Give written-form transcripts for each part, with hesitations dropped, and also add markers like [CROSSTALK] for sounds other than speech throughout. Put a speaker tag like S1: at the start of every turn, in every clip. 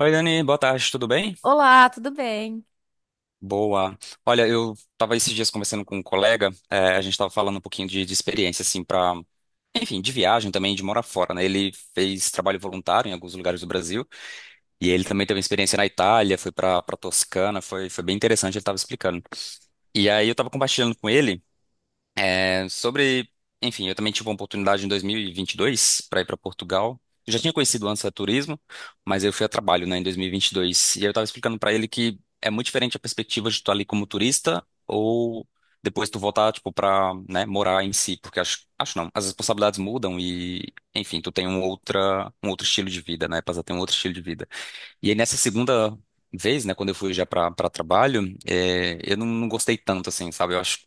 S1: Oi, Dani, boa tarde, tudo bem?
S2: Olá, tudo bem?
S1: Boa. Olha, eu tava esses dias conversando com um colega, a gente tava falando um pouquinho de experiência, assim, enfim, de viagem também, de morar fora, né? Ele fez trabalho voluntário em alguns lugares do Brasil, e ele também teve uma experiência na Itália, foi pra Toscana, foi bem interessante, ele tava explicando. E aí eu tava compartilhando com ele. É, Sobre, enfim, eu também tive uma oportunidade em 2022 para ir para Portugal. Eu já tinha conhecido antes a turismo, mas eu fui a trabalho, né, em 2022. E vinte e dois. E aí eu estava explicando para ele que é muito diferente a perspectiva de tu tá ali como turista ou depois tu voltar, tipo, para, né, morar em si, porque acho, acho não, as responsabilidades mudam e, enfim, tu tem um outro estilo de vida, né, passa a ter um outro estilo de vida. E aí nessa segunda vez, né, quando eu fui já para trabalho, eu não gostei tanto, assim, sabe? Eu acho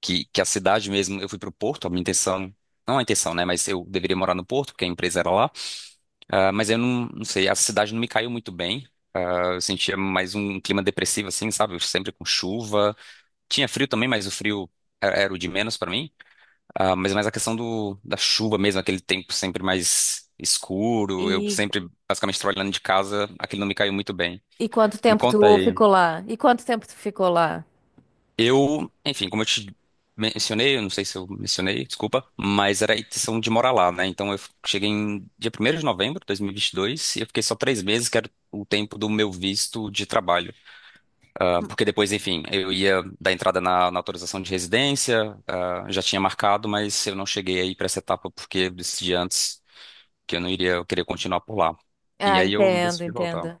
S1: que a cidade mesmo, eu fui pro Porto, a minha intenção, não a intenção, né, mas eu deveria morar no Porto, porque a empresa era lá. Ah, mas eu não sei, a cidade não me caiu muito bem. Ah, eu sentia mais um clima depressivo assim, sabe, sempre com chuva, tinha frio também, mas o frio era o de menos pra mim. Ah, mas é mais a questão da chuva mesmo, aquele tempo sempre mais escuro, eu
S2: E,
S1: sempre basicamente trabalhando de casa, aquilo não me caiu muito bem.
S2: e quanto
S1: Me
S2: tempo
S1: conta
S2: tu
S1: aí.
S2: ficou lá? E quanto tempo tu ficou lá?
S1: Eu, enfim, como eu te mencionei, eu não sei se eu mencionei, desculpa, mas era a intenção de morar lá, né? Então eu cheguei em dia primeiro de novembro de 2022 e vinte e dois e eu fiquei só 3 meses, que era o tempo do meu visto de trabalho. Ah, porque depois, enfim, eu ia dar entrada na autorização de residência, já tinha marcado, mas eu não cheguei aí para essa etapa porque eu decidi antes que eu não iria, eu queria continuar por lá. E
S2: Ah,
S1: aí eu
S2: entendo,
S1: decidi voltar.
S2: entendo.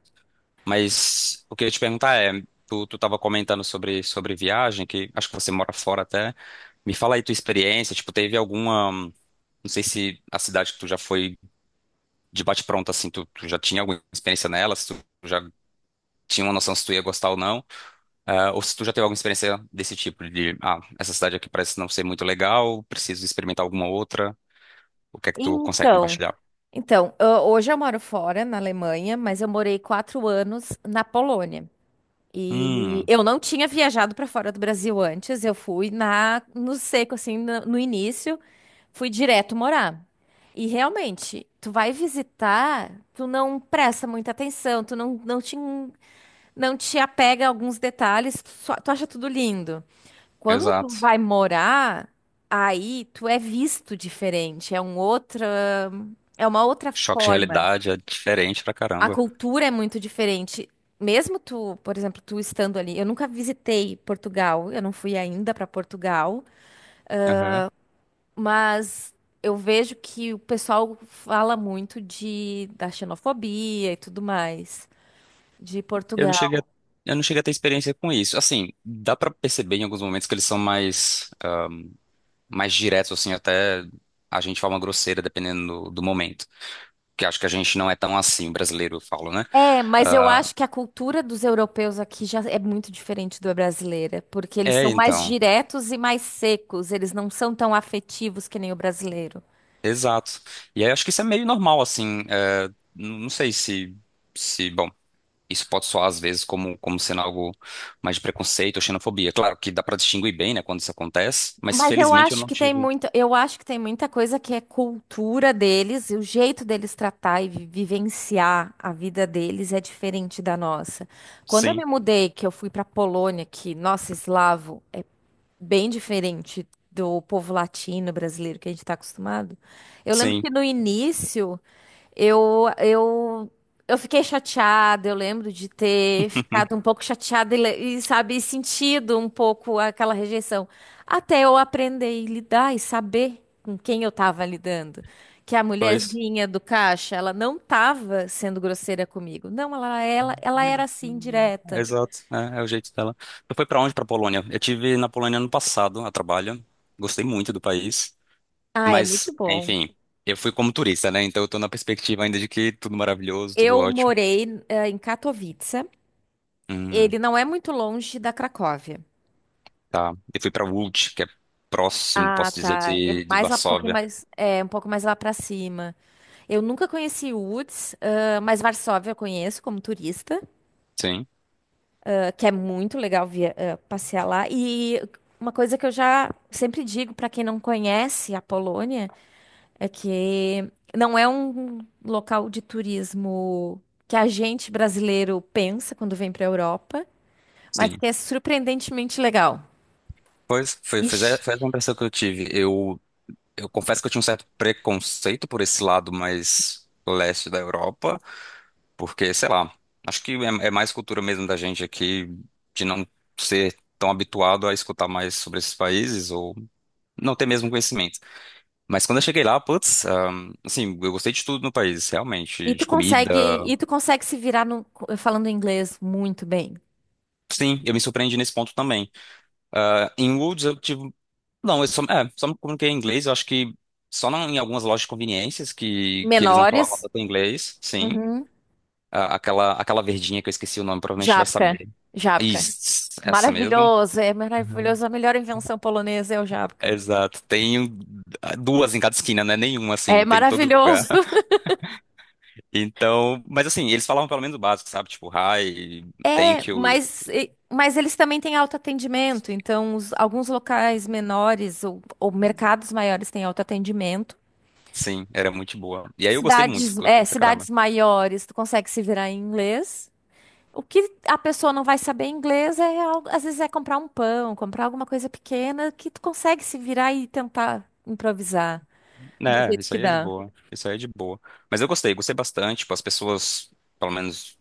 S1: Mas o que eu ia te perguntar é, tu tava comentando sobre viagem, que acho que você mora fora até. Me fala aí tua experiência, tipo, teve alguma, não sei se a cidade que tu já foi de bate-pronto, assim, tu já tinha alguma experiência nela, se tu já tinha uma noção se tu ia gostar ou não, ou se tu já teve alguma experiência desse tipo, essa cidade aqui parece não ser muito legal, preciso experimentar alguma outra, o que é que tu consegue
S2: Então,
S1: compartilhar?
S2: então, hoje eu moro fora, na Alemanha, mas eu morei 4 anos na Polônia. E
S1: Hum,
S2: eu não tinha viajado para fora do Brasil antes, eu fui no seco, assim, no início, fui direto morar. E realmente, tu vai visitar, tu não presta muita atenção, tu não, não te Não te apega a alguns detalhes, tu acha tudo lindo. Quando tu
S1: exato.
S2: vai morar, aí tu é visto diferente, é uma outra
S1: Choque de
S2: forma.
S1: realidade é diferente pra
S2: A
S1: caramba.
S2: cultura é muito diferente. Mesmo tu, por exemplo, tu estando ali, eu nunca visitei Portugal, eu não fui ainda para Portugal, mas eu vejo que o pessoal fala muito de da xenofobia e tudo mais de
S1: Eu não cheguei
S2: Portugal.
S1: a, eu não cheguei a ter experiência com isso. Assim, dá pra perceber em alguns momentos que eles são mais diretos, assim, até a gente fala uma grosseira, dependendo do momento. Que acho que a gente não é tão assim, o brasileiro, eu falo, né?
S2: É, mas eu
S1: Ah,
S2: acho que a cultura dos europeus aqui já é muito diferente da brasileira, porque eles
S1: é,
S2: são mais
S1: então.
S2: diretos e mais secos, eles não são tão afetivos que nem o brasileiro.
S1: Exato. E aí acho que isso é meio normal, assim. Não sei se, bom, isso pode soar às vezes como, como sendo algo mais de preconceito ou xenofobia. Claro que dá pra distinguir bem, né, quando isso acontece, mas
S2: Mas eu
S1: felizmente eu
S2: acho
S1: não
S2: que tem
S1: tive.
S2: muito, eu acho que tem muita coisa que é cultura deles, e o jeito deles tratar e vivenciar a vida deles é diferente da nossa. Quando eu me
S1: Sim,
S2: mudei, que eu fui para Polônia, que, nossa, eslavo, bem diferente do povo latino brasileiro que a gente está acostumado. Eu lembro que
S1: sim.
S2: no início eu, eu, eu fiquei chateada, eu lembro de ter
S1: [LAUGHS]
S2: ficado um pouco chateada e, e, sabe, sentido um pouco aquela rejeição. Até eu aprender e lidar e saber com quem eu estava lidando. Que a
S1: Pois.
S2: mulherzinha do caixa, ela não estava sendo grosseira comigo. Não, ela era assim,
S1: É,
S2: direta.
S1: exato, é o jeito dela. Tu foi pra onde? Pra Polônia? Eu tive na Polônia ano passado, a trabalho. Gostei muito do país,
S2: Ah, é
S1: mas
S2: muito bom.
S1: enfim, eu fui como turista, né? Então eu tô na perspectiva ainda de que tudo maravilhoso, tudo
S2: Eu
S1: ótimo.
S2: morei, em Katowice.
S1: Hum,
S2: Ele não é muito longe da Cracóvia.
S1: tá. Eu fui pra Łódź, que é próximo,
S2: Ah,
S1: posso dizer,
S2: tá. É
S1: de
S2: mais lá, um pouquinho
S1: Varsóvia.
S2: mais, é, um pouco mais lá pra cima. Eu nunca conheci Łódź, ah, mas Varsóvia eu conheço como turista,
S1: Sim,
S2: ah, que é muito legal via, ah, passear lá. E uma coisa que eu já sempre digo pra quem não conhece a Polônia é que não é um local de turismo que a gente brasileiro pensa quando vem pra Europa, mas
S1: sim.
S2: que é surpreendentemente legal.
S1: Pois
S2: Ixi.
S1: foi essa a impressão que eu tive. Eu confesso que eu tinha um certo preconceito por esse lado mais leste da Europa. Porque, sei lá, acho que é mais cultura mesmo da gente aqui de não ser tão habituado a escutar mais sobre esses países ou não ter mesmo conhecimento. Mas quando eu cheguei lá, putz, assim, eu gostei de tudo no país, realmente, de comida.
S2: E tu consegue se virar falando inglês muito bem.
S1: Sim, eu me surpreendi nesse ponto também. Ah, em Woods eu tive. Não, eu só me comuniquei em inglês, eu acho que só não, em algumas lojas de conveniências que eles não falavam
S2: Menores.
S1: tanto inglês, sim.
S2: Uhum.
S1: Ah, aquela verdinha que eu esqueci o nome, provavelmente vai
S2: Jabka,
S1: saber.
S2: Jábca.
S1: Isso, essa mesmo.
S2: Maravilhoso, é maravilhoso. A melhor invenção polonesa é o jabka.
S1: Exato. Tem duas em cada esquina, né? Nenhuma,
S2: É
S1: assim, tem em todo lugar.
S2: maravilhoso. [LAUGHS]
S1: Então, mas assim, eles falavam pelo menos o básico, sabe? Tipo, hi,
S2: É,
S1: thank you.
S2: mas, mas eles também têm autoatendimento. Então, alguns locais menores ou mercados maiores têm autoatendimento.
S1: Sim, era muito boa. E aí eu gostei muito,
S2: Cidades, é,
S1: gostei pra
S2: cidades
S1: caramba.
S2: maiores, tu consegue se virar em inglês. O que a pessoa não vai saber inglês é, às vezes, é comprar um pão, comprar alguma coisa pequena que tu consegue se virar e tentar improvisar do
S1: Né,
S2: jeito
S1: isso
S2: que
S1: aí é de
S2: dá.
S1: boa. Isso aí é de boa. Mas eu gostei, gostei bastante. Tipo, as pessoas, pelo menos,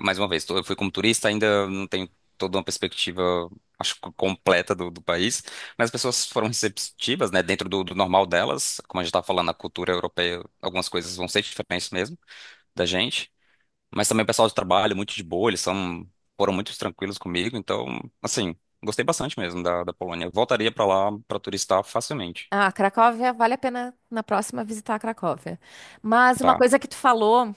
S1: mais uma vez, eu fui como turista, ainda não tenho toda uma perspectiva, acho que completa do país. Mas as pessoas foram receptivas, né? Dentro do normal delas, como a gente estava falando, a cultura europeia, algumas coisas vão ser diferentes mesmo da gente. Mas também o pessoal de trabalho, muito de boa, eles são, foram muito tranquilos comigo. Então, assim, gostei bastante mesmo da Polônia. Eu voltaria pra lá pra turistar facilmente.
S2: Ah, Cracóvia, vale a pena na próxima visitar a Cracóvia. Mas uma
S1: Tá.
S2: coisa que tu falou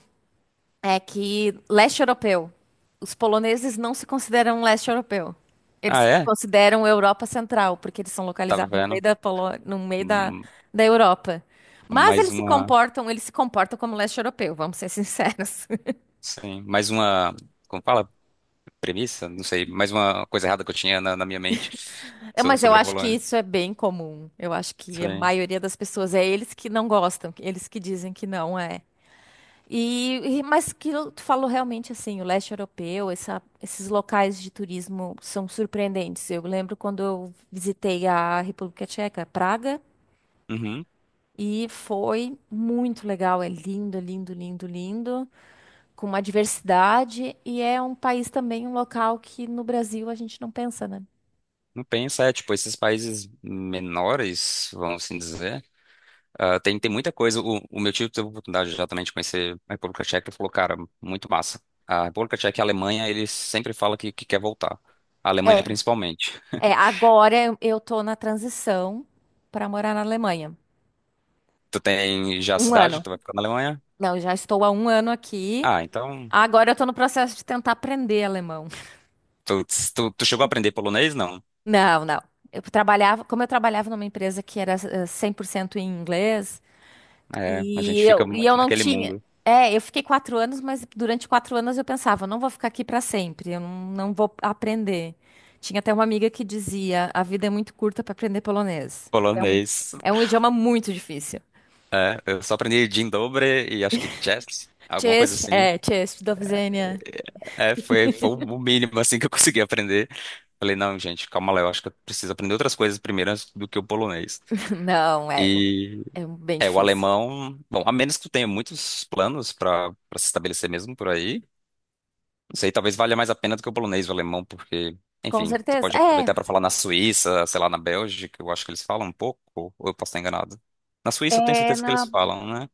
S2: é que leste europeu, os poloneses não se consideram leste europeu. Eles
S1: Ah,
S2: se
S1: é?
S2: consideram Europa Central, porque eles são
S1: Tá
S2: localizados no meio
S1: vendo?
S2: da no meio da,
S1: Hum,
S2: da Europa. Mas
S1: Mais uma,
S2: eles se comportam como leste europeu, vamos ser sinceros.
S1: sim, mais uma, como fala? Premissa? Não sei, mais uma coisa errada que eu tinha na minha mente
S2: É, mas eu
S1: sobre a
S2: acho que
S1: Polônia.
S2: isso é bem comum. Eu acho que a
S1: Sim.
S2: maioria das pessoas é eles que não gostam, eles que dizem que não é. E, tu falou realmente assim, o leste europeu, esses locais de turismo são surpreendentes. Eu lembro quando eu visitei a República Tcheca, Praga,
S1: Uhum.
S2: e foi muito legal. É lindo, lindo, lindo, lindo, com uma diversidade e é um país também, um local que no Brasil a gente não pensa, né?
S1: Não pensa, tipo, esses países menores, vamos assim dizer. Ah, tem muita coisa. O meu tio teve a oportunidade já também de conhecer a República Tcheca e falou, cara, muito massa. A República Tcheca e a Alemanha, eles sempre falam que quer voltar. A Alemanha
S2: É,
S1: principalmente.
S2: é, agora eu tô na transição para morar na Alemanha.
S1: Tu tem já a
S2: Um
S1: cidade
S2: ano.
S1: que tu vai ficar na Alemanha?
S2: Não, já estou há um ano aqui.
S1: Ah, então.
S2: Agora eu tô no processo de tentar aprender alemão. [LAUGHS]
S1: Tu, tu chegou a aprender polonês? Não.
S2: Não, não. Eu trabalhava, como eu trabalhava numa empresa que era 100% em inglês,
S1: É, a
S2: e
S1: gente fica
S2: eu
S1: muito
S2: não
S1: naquele
S2: tinha.
S1: mundo.
S2: É, eu fiquei 4 anos, mas durante 4 anos eu pensava, não vou ficar aqui para sempre, eu não, não vou aprender. Tinha até uma amiga que dizia, a vida é muito curta para aprender polonês.
S1: Polonês.
S2: É um idioma muito difícil.
S1: Eu só aprendi Dzień dobry e acho que chess alguma coisa
S2: Chess,
S1: assim.
S2: é, Chess, Dovzenia.
S1: É, foi o mínimo assim que eu consegui aprender. Falei, não, gente, calma lá, eu acho que eu preciso aprender outras coisas primeiro antes do que o polonês.
S2: [LAUGHS] Não, é,
S1: E
S2: é bem
S1: é o
S2: difícil.
S1: alemão, bom, a menos que tu tenha muitos planos para se estabelecer mesmo por aí, não sei, talvez valha mais a pena do que o polonês e o alemão, porque,
S2: Com
S1: enfim, tu
S2: certeza.
S1: pode
S2: É,
S1: aproveitar para falar na Suíça, sei lá, na Bélgica, eu acho que eles falam um pouco, ou eu posso estar enganado. Na Suíça eu tenho
S2: é
S1: certeza que
S2: na,
S1: eles falam, né?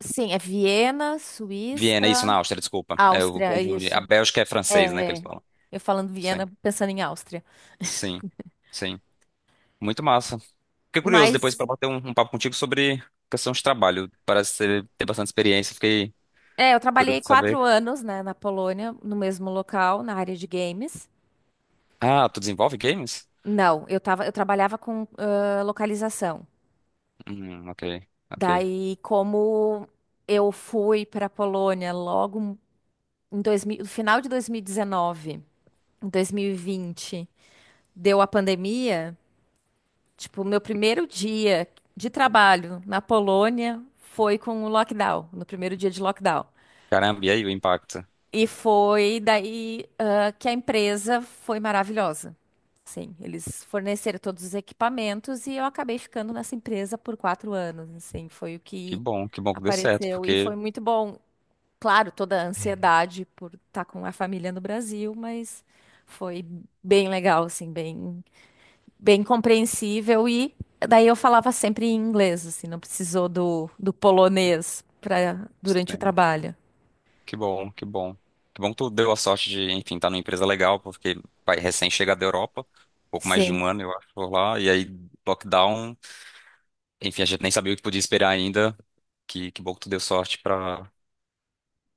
S2: sim, é Viena, Suíça,
S1: Viena, isso, na Áustria, desculpa. Eu
S2: Áustria, é
S1: confundi. A
S2: isso.
S1: Bélgica é francês, né, que
S2: É,
S1: eles
S2: é.
S1: falam.
S2: Eu falando
S1: Sim,
S2: Viena, pensando em Áustria.
S1: sim, sim. Muito massa. Fiquei curioso depois
S2: Mas,
S1: para bater um papo contigo sobre questão de trabalho. Parece ter bastante experiência, fiquei
S2: é, eu
S1: curioso
S2: trabalhei
S1: de
S2: quatro
S1: saber.
S2: anos, né, na Polônia, no mesmo local, na área de games.
S1: Ah, tu desenvolve games?
S2: Não, eu tava, eu trabalhava com ah, localização.
S1: Ok, ok.
S2: Daí, como eu fui para a Polônia logo em 2000, no final de 2019. Em 2020, deu a pandemia, tipo, o meu primeiro dia de trabalho na Polônia foi com o lockdown, no primeiro dia de lockdown.
S1: Caramba, e aí o impacto?
S2: E foi daí, ah, que a empresa foi maravilhosa. Sim, eles forneceram todos os equipamentos e eu acabei ficando nessa empresa por 4 anos. Assim, foi o
S1: Que
S2: que
S1: bom, que bom que deu certo,
S2: apareceu e
S1: porque
S2: foi muito bom. Claro, toda a ansiedade por estar com a família no Brasil, mas foi bem legal, assim, bem compreensível e daí eu falava sempre em inglês, assim, não precisou do, do polonês para durante o
S1: sim,
S2: trabalho.
S1: que bom, que bom. Que bom que tu deu a sorte de, enfim, estar numa empresa legal, porque vai recém chegar da Europa, pouco mais de
S2: Sim.
S1: um ano, eu acho, por lá, e aí lockdown, enfim, a gente nem sabia o que podia esperar ainda. Que bom que tu deu sorte pra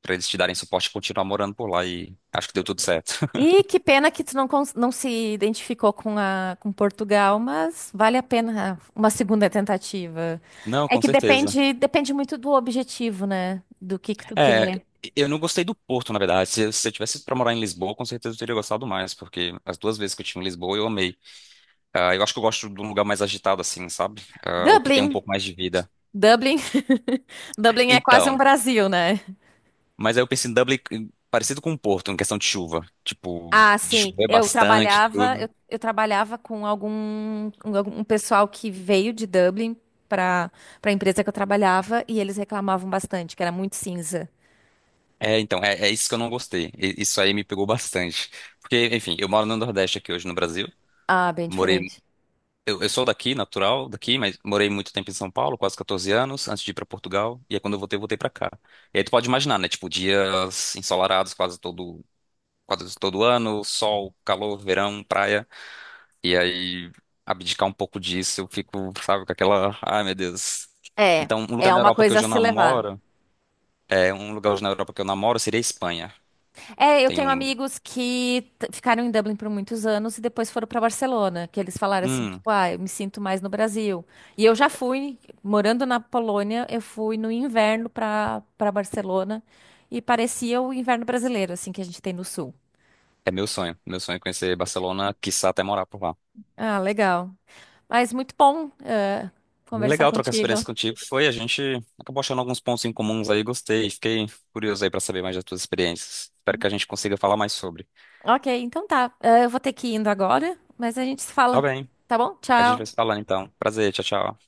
S1: para eles te darem suporte e continuar morando por lá, e acho que deu tudo certo. [LAUGHS]
S2: E que pena que tu não, não se identificou com a com Portugal, mas vale a pena uma segunda tentativa.
S1: Não,
S2: É
S1: com
S2: que
S1: certeza.
S2: depende muito do objetivo, né? Do que tu
S1: É,
S2: quer.
S1: eu não gostei do Porto, na verdade. Se eu tivesse pra morar em Lisboa, com certeza eu teria gostado mais, porque as duas vezes que eu tive em Lisboa eu amei. Ah, eu acho que eu gosto de um lugar mais agitado, assim, sabe? Ah, o que tem um
S2: Dublin,
S1: pouco mais de vida.
S2: Dublin, [LAUGHS] Dublin é quase
S1: Então,
S2: um Brasil, né?
S1: mas aí eu pensei em Dublin, parecido com o Porto, em questão de chuva. Tipo,
S2: Ah,
S1: de
S2: sim.
S1: chover
S2: Eu
S1: bastante,
S2: trabalhava, eu,
S1: tudo.
S2: eu trabalhava com um pessoal que veio de Dublin para a empresa que eu trabalhava e eles reclamavam bastante, que era muito cinza.
S1: É, então, é isso que eu não gostei. Isso aí me pegou bastante. Porque, enfim, eu moro no Nordeste aqui hoje no Brasil.
S2: Ah, bem
S1: morei
S2: diferente.
S1: eu sou daqui, natural, daqui, mas morei muito tempo em São Paulo, quase 14 anos, antes de ir pra Portugal. E aí quando eu voltei pra cá. E aí tu pode imaginar, né? Tipo, dias ensolarados quase todo ano, sol, calor, verão, praia. E aí abdicar um pouco disso, eu fico, sabe, com aquela, ai meu Deus.
S2: É,
S1: Então, um lugar
S2: é
S1: na
S2: uma
S1: Europa que
S2: coisa a
S1: hoje eu
S2: se levar.
S1: namoro, é um lugar hoje na Europa que eu namoro seria a Espanha.
S2: É, eu
S1: Tem
S2: tenho
S1: um,
S2: amigos que ficaram em Dublin por muitos anos e depois foram para Barcelona, que eles falaram assim,
S1: hum,
S2: tipo, ah, eu me sinto mais no Brasil. E eu já fui, morando na Polônia, eu fui no inverno para Barcelona e parecia o inverno brasileiro, assim, que a gente tem no sul.
S1: É meu sonho é conhecer Barcelona, quiçá até morar por lá.
S2: Ah, legal. Mas muito bom, conversar
S1: Legal trocar
S2: contigo.
S1: experiência contigo. A gente acabou achando alguns pontos em comuns aí, gostei. Fiquei curioso aí pra saber mais das tuas experiências. Espero que a gente consiga falar mais sobre.
S2: Ok, então tá. Eu vou ter que ir indo agora, mas a gente se
S1: Tá
S2: fala,
S1: bem,
S2: tá bom?
S1: a gente vai se
S2: Tchau.
S1: falando então. Prazer, tchau, tchau.